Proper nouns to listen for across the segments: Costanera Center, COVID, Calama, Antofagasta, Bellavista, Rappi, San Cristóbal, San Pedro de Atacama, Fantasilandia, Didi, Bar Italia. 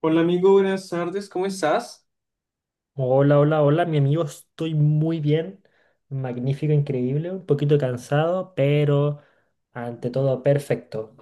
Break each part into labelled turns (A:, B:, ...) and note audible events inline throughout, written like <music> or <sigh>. A: Hola amigo, buenas tardes, ¿cómo estás?
B: Hola, hola, hola, mi amigo, estoy muy bien, magnífico, increíble, un poquito cansado, pero ante todo perfecto.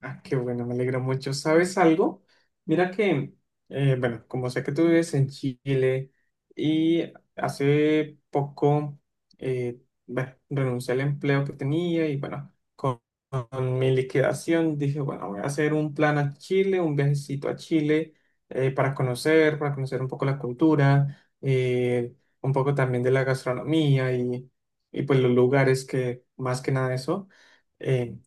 A: Ah, qué bueno, me alegra mucho. ¿Sabes algo? Mira que, bueno, como sé que tú vives en Chile y hace poco, eh, bueno, renuncié al empleo que tenía y bueno, con mi liquidación dije, bueno, voy a hacer un plan a Chile, un viajecito a Chile, para conocer un poco la cultura, un poco también de la gastronomía y pues los lugares que, más que nada eso. eh,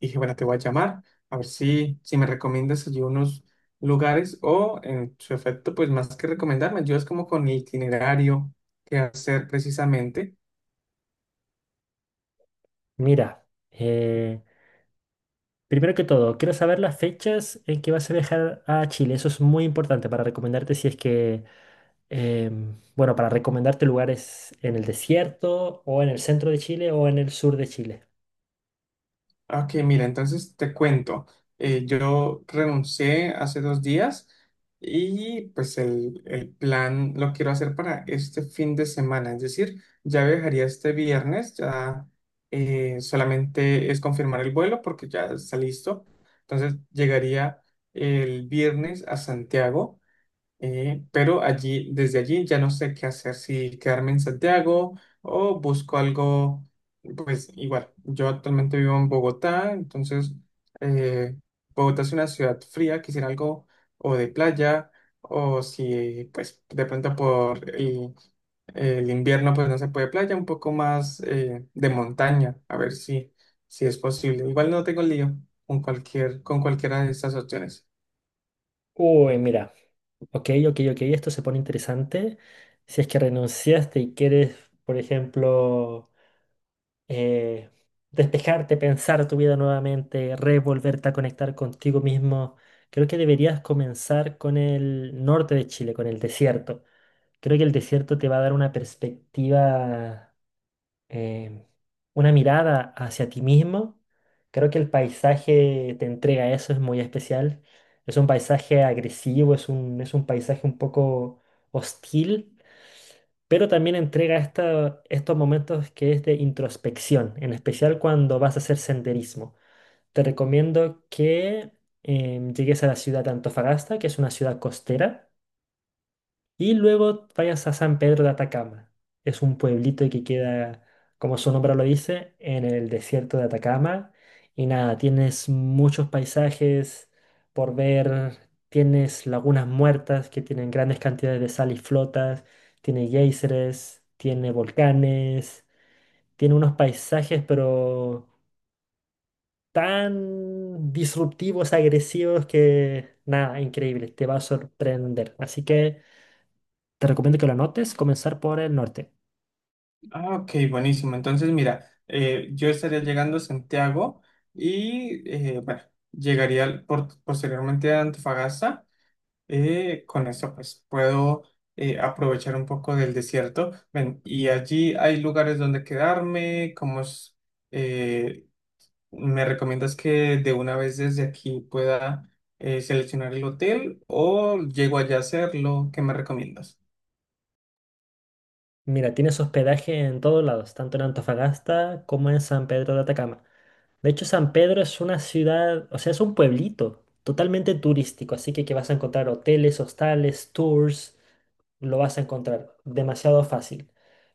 A: Dije, bueno, te voy a llamar a ver si me recomiendas allí unos lugares o en su efecto, pues más que recomendarme, yo es como con el itinerario que hacer precisamente.
B: Mira, eh, primero que todo, quiero saber las fechas en que vas a viajar a Chile, eso es muy importante para recomendarte si es que, bueno, para recomendarte lugares en el desierto o en el centro de Chile o en el sur de Chile.
A: Ok, mira, entonces te cuento. Yo renuncié hace dos días y pues el plan lo quiero hacer para este fin de semana. Es decir, ya viajaría este viernes, ya, solamente es confirmar el vuelo porque ya está listo. Entonces llegaría el viernes a Santiago, pero allí, desde allí ya no sé qué hacer, si quedarme en Santiago o busco algo, pues igual, yo actualmente vivo en Bogotá, entonces, eh, Bogotá es una ciudad fría, quisiera algo o de playa, o si pues de pronto por el invierno pues no se puede playa, un poco más de montaña, a ver si, si es posible. Igual no tengo lío con cualquier, con cualquiera de estas opciones.
B: Uy, mira, ok, ok, ok, esto se pone interesante. Si es que renunciaste y quieres, por ejemplo eh, despejarte, pensar tu vida nuevamente, revolverte a conectar contigo mismo. Creo que deberías comenzar con el norte de Chile, con el desierto. Creo que el desierto te va a dar una perspectiva, eh, una mirada hacia ti mismo. Creo que el paisaje te entrega eso, es muy especial. Es un paisaje agresivo, es un paisaje un poco hostil, pero también entrega estos momentos que es de introspección, en especial cuando vas a hacer senderismo. Te recomiendo que llegues a la ciudad de Antofagasta, que es una ciudad costera. Y luego vayas a San Pedro de Atacama. Es un pueblito que queda, como su nombre lo dice, en el desierto de Atacama. Y nada, tienes muchos paisajes por ver. Tienes lagunas muertas que tienen grandes cantidades de sal y flotas. Tiene géiseres, tiene volcanes. Tiene unos paisajes, pero tan disruptivos, agresivos que nada, increíble. Te va a sorprender. Así que. Te recomiendo que lo anotes, comenzar por el norte.
A: Ah, ok, buenísimo. Entonces, mira, yo estaría llegando a Santiago y, bueno, llegaría posteriormente a Antofagasta. Con esto, pues, puedo aprovechar un poco del desierto. Ven, y allí hay lugares donde quedarme. ¿Cómo es? eh, ¿Me recomiendas que de una vez desde aquí pueda seleccionar el hotel o llego allá a hacerlo? ¿Qué me recomiendas?
B: Mira, tienes hospedaje en todos lados, tanto en Antofagasta como en San Pedro de Atacama. De hecho, San Pedro es una ciudad, o sea, es un pueblito totalmente turístico, así que vas a encontrar hoteles, hostales, tours, lo vas a encontrar demasiado fácil.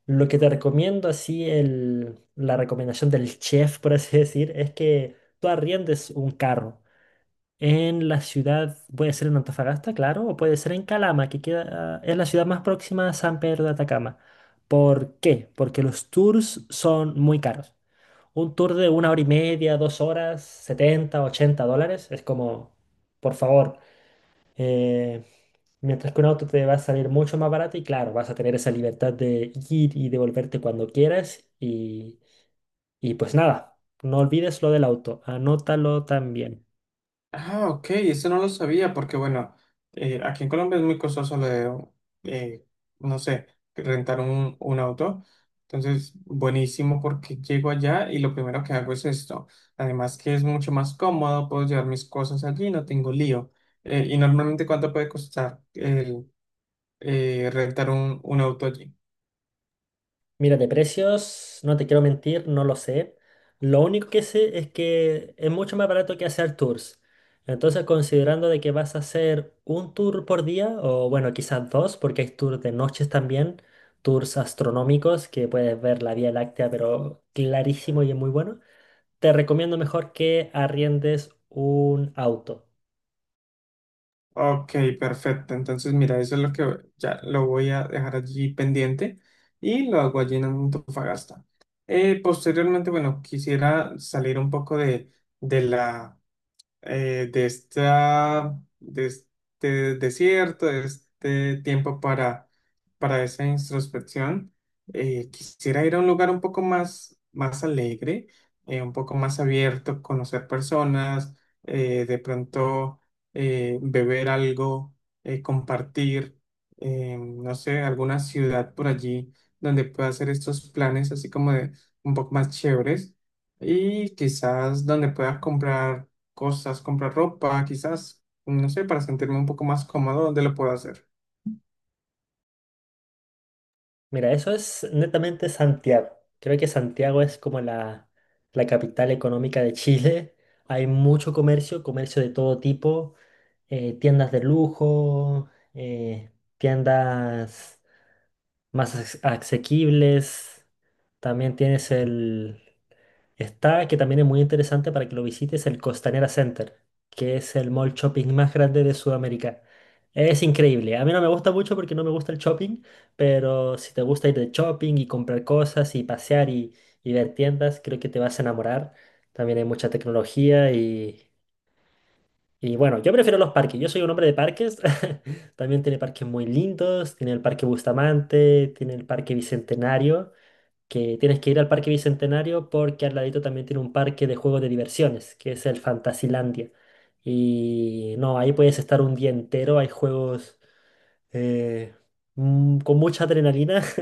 B: Lo que te recomiendo, así, el, la recomendación del chef, por así decir, es que tú arriendes un carro. En la ciudad, puede ser en Antofagasta, claro, o puede ser en Calama, que queda, es la ciudad más próxima a San Pedro de Atacama. ¿Por qué? Porque los tours son muy caros. Un tour de 1 hora y media, 2 horas, 70, 80 dólares, es como, por favor, eh, mientras que un auto te va a salir mucho más barato y claro, vas a tener esa libertad de ir y devolverte cuando quieras y pues nada, no olvides lo del auto, anótalo también.
A: Ah, ok, eso no lo sabía porque, bueno, aquí en Colombia es muy costoso lo de, eh, no sé, rentar un auto. Entonces, buenísimo porque llego allá y lo primero que hago es esto. Además que es mucho más cómodo, puedo llevar mis cosas allí, no tengo lío. Y normalmente, ¿cuánto puede costar el rentar un auto allí?
B: Mira, de precios, no te quiero mentir, no lo sé. Lo único que sé es que es mucho más barato que hacer tours. Entonces, considerando de que vas a hacer un tour por día, o bueno, quizás dos, porque hay tours de noches también, tours astronómicos que puedes ver la Vía Láctea, pero clarísimo y es muy bueno. Te recomiendo mejor que arriendes un auto.
A: Ok, perfecto. Entonces, mira, eso es lo que ya lo voy a dejar allí pendiente y lo hago allí en Antofagasta. Posteriormente, bueno, quisiera salir un poco de la, de esta, de este desierto, de este tiempo para esa introspección. Quisiera ir a un lugar un poco más, más alegre, un poco más abierto, conocer personas, de pronto beber algo, compartir, no sé, alguna ciudad por allí donde pueda hacer estos planes así como de un poco más chéveres y quizás donde pueda comprar cosas, comprar ropa, quizás, no sé, para sentirme un poco más cómodo. ¿Dónde lo puedo hacer?
B: Mira, eso es netamente Santiago. Creo que Santiago es como la capital económica de Chile. Hay mucho comercio, comercio de todo tipo, tiendas de lujo, tiendas más asequibles. También tienes el, Está, que también es muy interesante para que lo visites, el Costanera Center, que es el mall shopping más grande de Sudamérica. Es increíble. A mí no me gusta mucho porque no me gusta el shopping, pero si te gusta ir de shopping y comprar cosas y pasear y ver tiendas, creo que te vas a enamorar. También hay mucha tecnología y bueno, yo prefiero los parques. Yo soy un hombre de parques. <laughs> También tiene parques muy lindos. Tiene el Parque Bustamante, tiene el Parque Bicentenario, que tienes que ir al Parque Bicentenario porque al ladito también tiene un parque de juegos de diversiones, que es el Fantasilandia. Y no, ahí puedes estar un día entero, hay juegos eh, con mucha adrenalina. <laughs>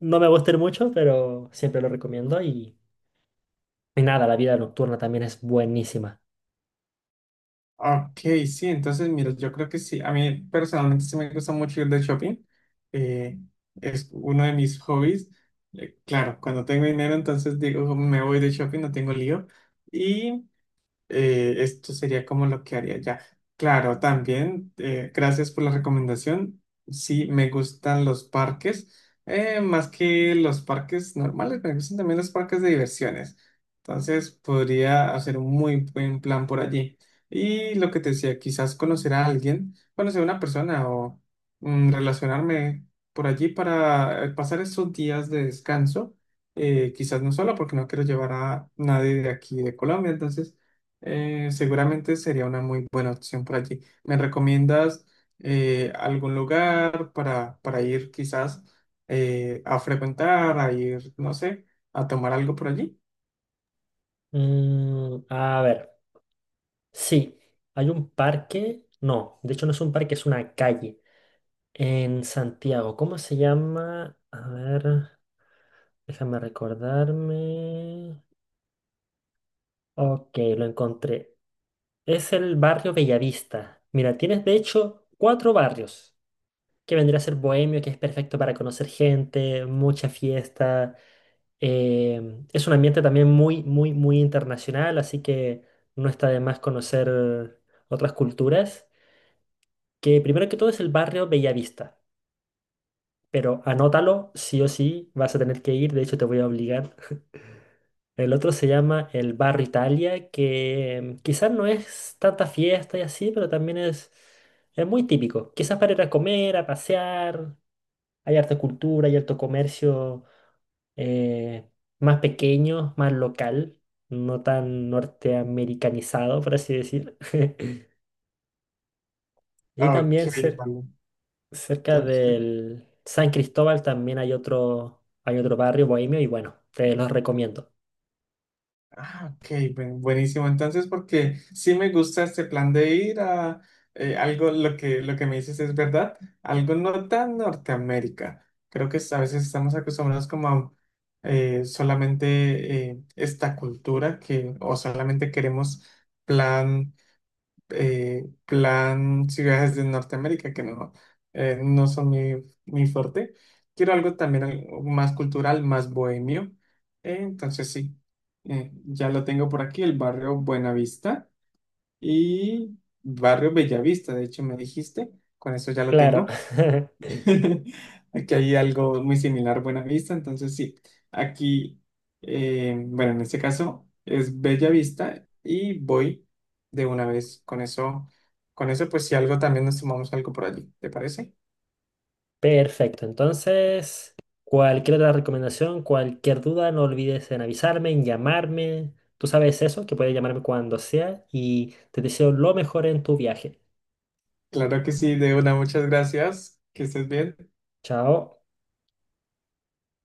B: No me gustan mucho, pero siempre lo recomiendo y nada, la vida nocturna también es buenísima.
A: Ok, sí, entonces, mira, yo creo que sí, a mí personalmente sí me gusta mucho ir de shopping, eh, es uno de mis hobbies. Claro, cuando tengo dinero, entonces digo, "Oh, me voy de shopping, no tengo lío", y esto sería como lo que haría ya. Claro, también, gracias por la recomendación. Sí, me gustan los parques, más que los parques normales, me gustan también los parques de diversiones. Entonces, podría hacer un muy buen plan por allí. Y lo que te decía, quizás conocer a alguien, conocer a una persona o, relacionarme por allí para pasar esos días de descanso. Quizás no solo porque no quiero llevar a nadie de aquí de Colombia, entonces, seguramente sería una muy buena opción por allí. ¿Me recomiendas algún lugar para ir quizás a frecuentar, a ir, no sé, a tomar algo por allí?
B: Mm, a ver, sí, hay un parque, no, de hecho no es un parque, es una calle en Santiago. ¿Cómo se llama? A ver. Déjame recordarme. Ok, lo encontré. Es el barrio Bellavista. Mira, tienes de hecho cuatro barrios, que vendría a ser Bohemio, que es perfecto para conocer gente, mucha fiesta. Es un ambiente también muy, muy, muy internacional, así que no está de más conocer otras culturas. Que primero que todo es el barrio Bellavista, pero anótalo, sí o sí, vas a tener que ir, de hecho te voy a obligar. El otro se llama el Bar Italia, que quizás no es tanta fiesta y así, pero también es muy típico. Quizás para ir a comer, a pasear, hay harta cultura, hay harto comercio, eh, más pequeño, más local, no tan norteamericanizado, por así decir. <laughs> Y
A: Ok,
B: también
A: vale.
B: cerca
A: Entonces,
B: del San Cristóbal también hay otro barrio bohemio y bueno, te los recomiendo.
A: ah, ok, buenísimo. Entonces, porque sí me gusta este plan de ir a algo, lo que me dices es verdad, algo no tan Norteamérica. Creo que a veces estamos acostumbrados como a solamente esta cultura que, o solamente queremos plan plan ciudades de Norteamérica, que no, no son mi, mi fuerte. Quiero algo también algo más cultural, más bohemio. Entonces sí, ya lo tengo por aquí, el barrio Buenavista y barrio Bellavista, de hecho me dijiste, con eso ya lo
B: Claro.
A: tengo.
B: <laughs>
A: <laughs> Aquí hay algo muy similar, Buena Vista, entonces sí, aquí, bueno, en este caso es Bella Vista y voy de una vez con eso pues si algo también nos tomamos algo por allí, ¿te parece?
B: Perfecto, entonces cualquier otra recomendación, cualquier duda, no olvides en avisarme, en llamarme. Tú sabes eso, que puedes llamarme cuando sea y te deseo lo mejor en tu viaje.
A: Claro que sí, de una, muchas gracias, que estés bien.
B: Chao.